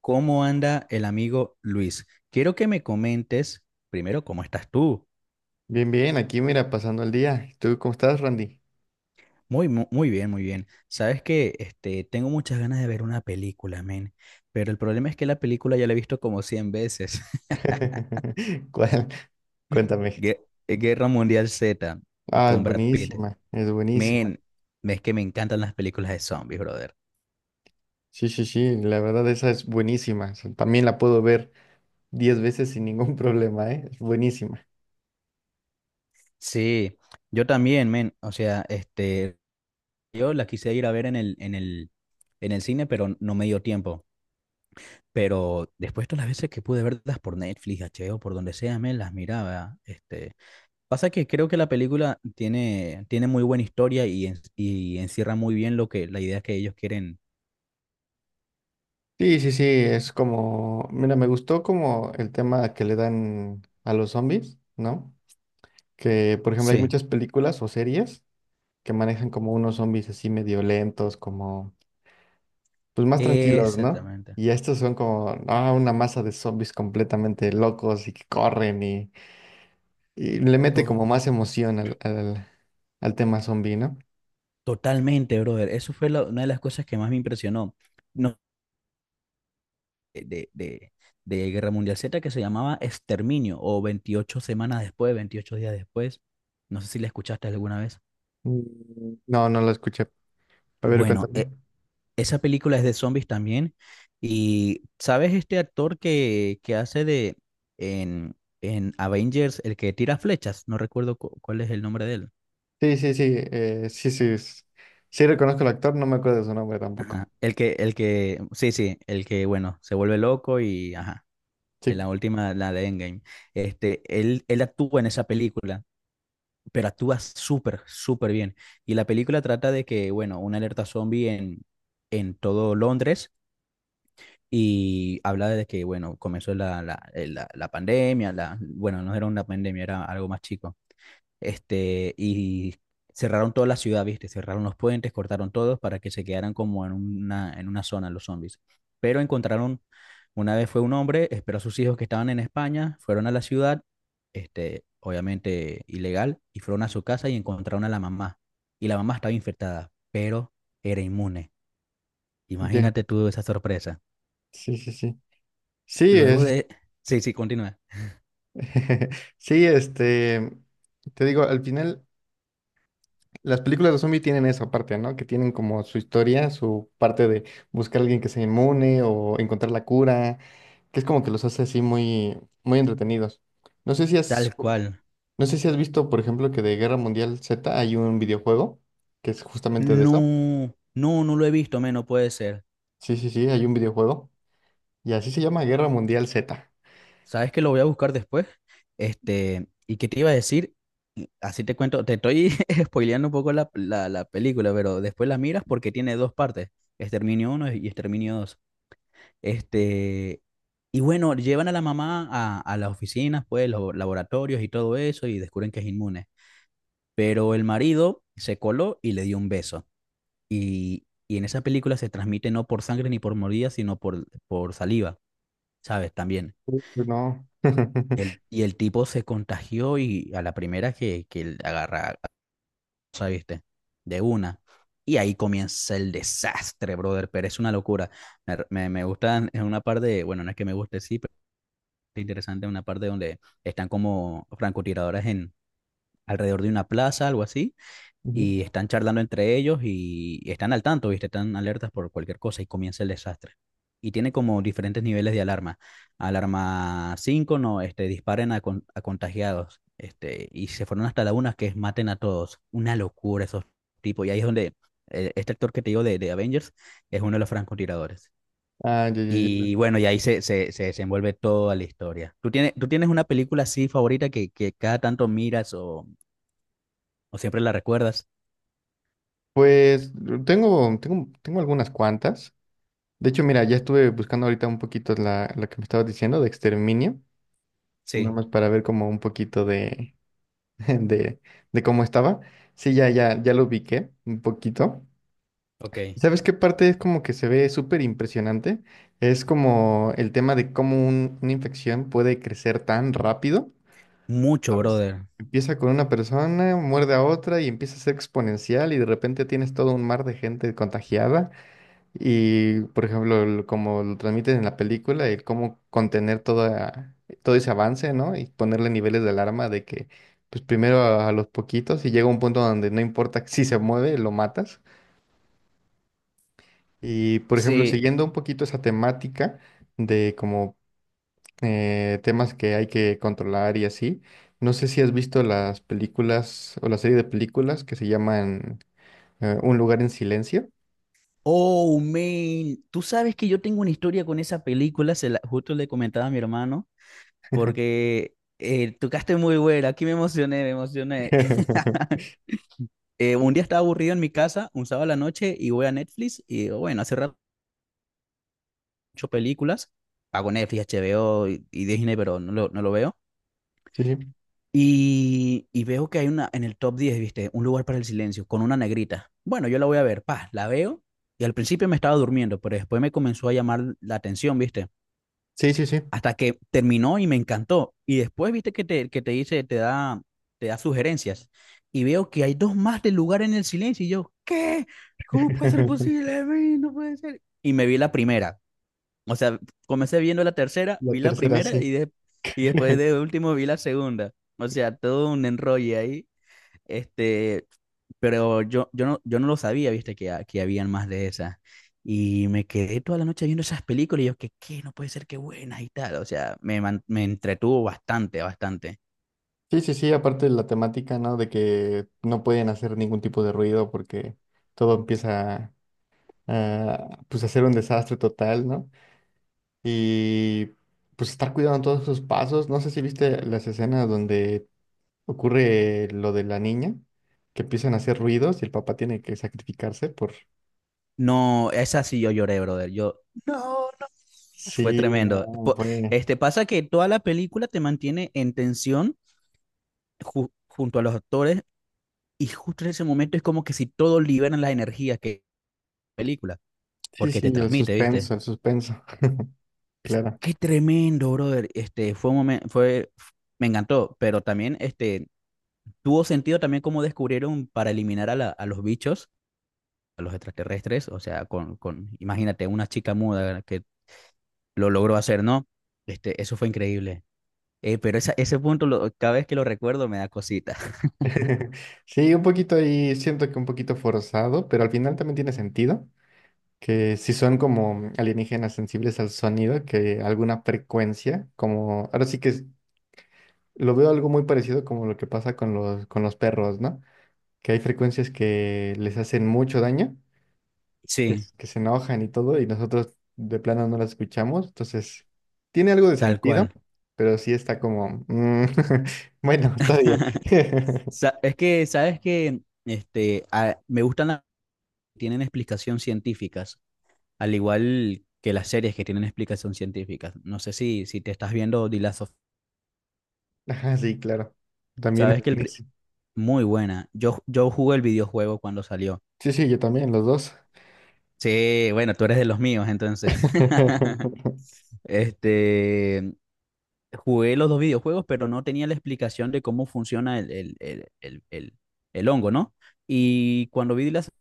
¿Cómo anda el amigo Luis? Quiero que me comentes primero cómo estás tú. Bien, bien, aquí mira, pasando el día. ¿Tú cómo estás, Randy? Muy bien, muy bien. Sabes que tengo muchas ganas de ver una película, men. Pero el problema es que la película ya la he visto como 100 veces. ¿Cuál? Cuéntame. Guerra Mundial Z, Ah, es con Brad Pitt. buenísima, es buenísima. Men, es que me encantan las películas de zombies, brother. Sí, sí, sí, la verdad esa es buenísima. O sea, también la puedo ver 10 veces sin ningún problema, ¿eh? Es buenísima. Sí, yo también, men. O sea, yo la quise ir a ver en el cine, pero no me dio tiempo. Pero después todas las veces que pude verlas por Netflix, HBO, por donde sea, me las miraba. Pasa que creo que la película tiene muy buena historia y, y encierra muy bien lo que, la idea que ellos quieren. Sí, sí, sí, es como, mira, me gustó como el tema que le dan a los zombies, ¿no? Que, por ejemplo, hay Sí, muchas películas o series que manejan como unos zombies así medio lentos, como pues más tranquilos, ¿no? exactamente. Y estos son como ah, una masa de zombies completamente locos y que corren y le mete To- como más emoción al tema zombie, ¿no? totalmente, brother. Eso fue una de las cosas que más me impresionó. No, de, de, de Guerra Mundial Z que se llamaba Exterminio o 28 semanas después, 28 días después. No sé si la escuchaste alguna vez. Mm, no, no lo escuché. A ver, Bueno, cuéntame. Esa película es de zombies también. Y, ¿sabes este actor que hace de en, en Avengers, el que tira flechas? No recuerdo cuál es el nombre de él. Sí, sí, sí, sí, sí, sí, reconozco al actor, no me acuerdo de su nombre tampoco. Ajá. El que, sí, sí, el que, bueno, se vuelve loco y, ajá, en la Sí, última, la de Endgame. Este, él actúa en esa película, pero actúa súper bien. Y la película trata de que, bueno, una alerta zombie en todo Londres y habla de que, bueno, comenzó la pandemia, la, bueno, no era una pandemia, era algo más chico, y cerraron toda la ciudad, ¿viste? Cerraron los puentes, cortaron todos para que se quedaran como en una zona los zombies. Pero encontraron, una vez fue un hombre, esperó a sus hijos que estaban en España, fueron a la ciudad, obviamente ilegal, y fueron a su casa y encontraron a la mamá. Y la mamá estaba infectada, pero era inmune. ya, ya. Imagínate tú esa sorpresa. Sí, sí, sí. Sí, Luego de... Sí, sí, continúa. sí, este, te digo, al final. Las películas de zombie tienen esa parte, ¿no? Que tienen como su historia, su parte de buscar a alguien que sea inmune o encontrar la cura, que es como que los hace así muy, muy entretenidos. No sé si has, Tal cual. no sé si has visto, por ejemplo, que de Guerra Mundial Z hay un videojuego que es justamente de eso. No lo he visto, men, no puede ser. Sí, sí, sí, hay un videojuego y así se llama Guerra Mundial Z. ¿Sabes que lo voy a buscar después? Este, ¿y qué te iba a decir? Y así te cuento, te estoy spoileando un poco la película, pero después la miras porque tiene dos partes, Exterminio uno y Exterminio dos. Este, y bueno, llevan a la mamá a las oficinas, pues, los laboratorios y todo eso, y descubren que es inmune. Pero el marido se coló y le dio un beso. Y en esa película se transmite no por sangre ni por mordida, sino por saliva, ¿sabes? También. Uy, no. Y el tipo se contagió y a la primera que él agarra, ¿sabes? ¿Viste? De una. Y ahí comienza el desastre, brother, pero es una locura. Me gustan es una parte, bueno, no es que me guste, sí, pero es interesante una parte donde están como francotiradores en alrededor de una plaza, algo así, Ujú. y están charlando entre ellos y están al tanto, ¿viste? Están alertas por cualquier cosa y comienza el desastre. Y tiene como diferentes niveles de alarma. Alarma 5 no, disparen a, a contagiados. Este, y se fueron hasta la una que es maten a todos. Una locura esos tipos. Y ahí es donde este actor que te digo de Avengers es uno de los francotiradores. Ah, ya, ya, ya. Y bueno, y ahí se desenvuelve toda la historia. ¿Tú tienes una película así favorita que cada tanto miras o siempre la recuerdas? Pues tengo algunas cuantas. De hecho, mira, ya estuve buscando ahorita un poquito la que me estabas diciendo de Exterminio, nada Sí, más para ver como un poquito de, de, de cómo estaba. Sí, ya, ya, ya lo ubiqué un poquito. ok. ¿Sabes qué parte es como que se ve súper impresionante? Es como el tema de cómo una infección puede crecer tan rápido, Mucho, ¿sabes? brother. Empieza con una persona, muerde a otra y empieza a ser exponencial y de repente tienes todo un mar de gente contagiada. Y, por ejemplo, como lo transmiten en la película, el cómo contener todo ese avance, ¿no? Y ponerle niveles de alarma de que, pues primero a los poquitos y llega un punto donde no importa si se mueve, lo matas. Y, por ejemplo, Sí. siguiendo un poquito esa temática de como temas que hay que controlar y así, no sé si has visto las películas o la serie de películas que se llaman Un lugar en silencio. Oh, man. Tú sabes que yo tengo una historia con esa película, justo le comentaba a mi hermano, porque tocaste muy buena. Aquí me emocioné, me emocioné. Un día estaba aburrido en mi casa, un sábado a la noche, y voy a Netflix y digo, bueno, hace rato he hecho películas. Pago Netflix, HBO y Disney, pero no lo veo. Sí, Y veo que hay una en el top 10 viste, un lugar para el silencio con una negrita. Bueno, yo la voy a ver, pa, la veo y al principio me estaba durmiendo, pero después me comenzó a llamar la atención, viste, sí, sí, sí. Sí. hasta que terminó y me encantó. Y después, viste, que te dice, te da sugerencias y veo que hay dos más del lugar en el silencio y yo, ¿qué? ¿Cómo puede ser posible? Ay, no puede ser. Y me vi la primera, o sea, comencé viendo la tercera, La vi la tercera, primera y, sí. Y después de último vi la segunda. O sea, todo un enrollo ahí. Este, pero yo no lo sabía, viste, que, que habían más de esas. Y me quedé toda la noche viendo esas películas y yo, que qué, no puede ser qué buenas y tal. O sea, me entretuvo bastante, bastante. Sí, sí, sí, aparte de la temática, ¿no? De que no pueden hacer ningún tipo de ruido porque todo empieza pues, a ser un desastre total, ¿no? Y pues estar cuidando todos sus pasos. No sé si viste las escenas donde ocurre lo de la niña, que empiezan a hacer ruidos y el papá tiene que sacrificarse por. No, esa sí yo lloré, brother. Yo, no, no. Fue Sí, tremendo. no, Este pasa que toda la película te mantiene en tensión junto a los actores. Y justo en ese momento es como que si todos liberan las energías que película, sí, porque sí, te el transmite, ¿viste? suspenso, el suspenso. Claro. Qué tremendo, brother. Este, fue un momento, fue, me encantó, pero también, tuvo sentido también cómo descubrieron para eliminar a, a los bichos, a los extraterrestres, o sea, imagínate, una chica muda que lo logró hacer, ¿no? Este, eso fue increíble. Pero esa, ese punto, cada vez que lo recuerdo, me da cosita. Sí, un poquito ahí, siento que un poquito forzado, pero al final también tiene sentido que si son como alienígenas sensibles al sonido, que alguna frecuencia, como ahora sí que lo veo algo muy parecido como lo que pasa con con los perros, ¿no? Que hay frecuencias que les hacen mucho daño, que, Sí, s- que se enojan y todo, y nosotros de plano no las escuchamos, entonces tiene algo de tal sentido, cual. pero sí está como, bueno, todavía. Es que, ¿sabes que me gustan tienen explicación científicas, al igual que las series que tienen explicación científica? No sé si, si te estás viendo The Last of Us. Ajá, sí, claro. También Sabes es que el... buenísimo. muy buena. Yo jugué el videojuego cuando salió. Sí, sí, yo también, los dos. Sí, bueno, tú eres de los míos, entonces. Este, jugué los dos videojuegos, pero no tenía la explicación de cómo funciona el hongo, ¿no? Y cuando vi las,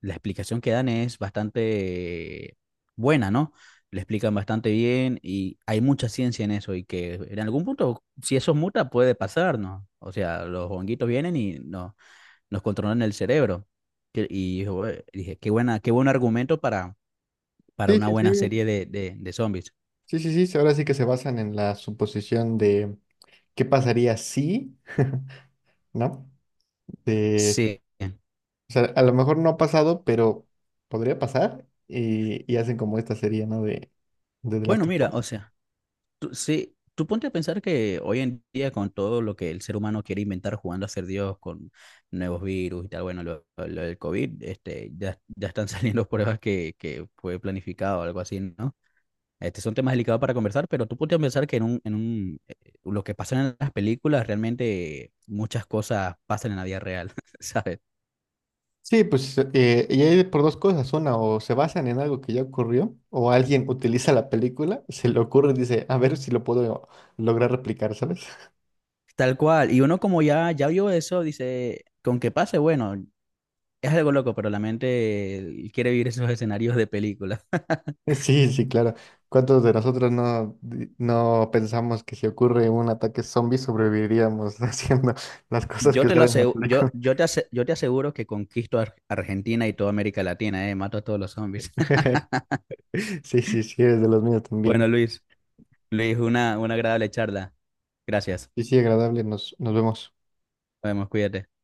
la explicación que dan es bastante buena, ¿no? Le explican bastante bien y hay mucha ciencia en eso y que en algún punto, si eso muta, puede pasar, ¿no? O sea, los honguitos vienen y no, nos controlan el cerebro. Dije, qué buena, qué buen argumento para Sí, una sí, buena sí, serie de, de zombies. sí, sí, sí, ahora sí que se basan en la suposición de qué pasaría si, ¿no? De, Sí. o sea, a lo mejor no ha pasado, pero podría pasar y hacen como esta serie, ¿no? De The Last Bueno, of mira, o Us. sea. Sí, tú ponte a pensar que hoy en día con todo lo que el ser humano quiere inventar jugando a ser Dios con nuevos virus y tal, bueno, lo del COVID, este, ya están saliendo pruebas que fue planificado o algo así, ¿no? Este, son temas delicados para conversar, pero tú ponte a pensar que en lo que pasa en las películas, realmente muchas cosas pasan en la vida real, ¿sabes? Sí, pues, y hay por dos cosas, una, o se basan en algo que ya ocurrió, o alguien utiliza la película, se le ocurre y dice, a ver si lo puedo lograr replicar, ¿sabes? Tal cual. Y uno como ya vio eso, dice, con que pase, bueno, es algo loco, pero la mente quiere vivir esos escenarios de película. Sí, sí, claro. ¿Cuántos de nosotros no, no pensamos que si ocurre un ataque zombie sobreviviríamos haciendo las cosas Yo que te lo salen en la aseguro, película? Yo te aseguro que conquisto Argentina y toda América Latina, mato a todos los zombies. Sí, sí, sí, eres de los míos también. Bueno, Luis, una agradable charla. Gracias. Sí, sí, agradable, nos vemos. Nos vemos, cuídate.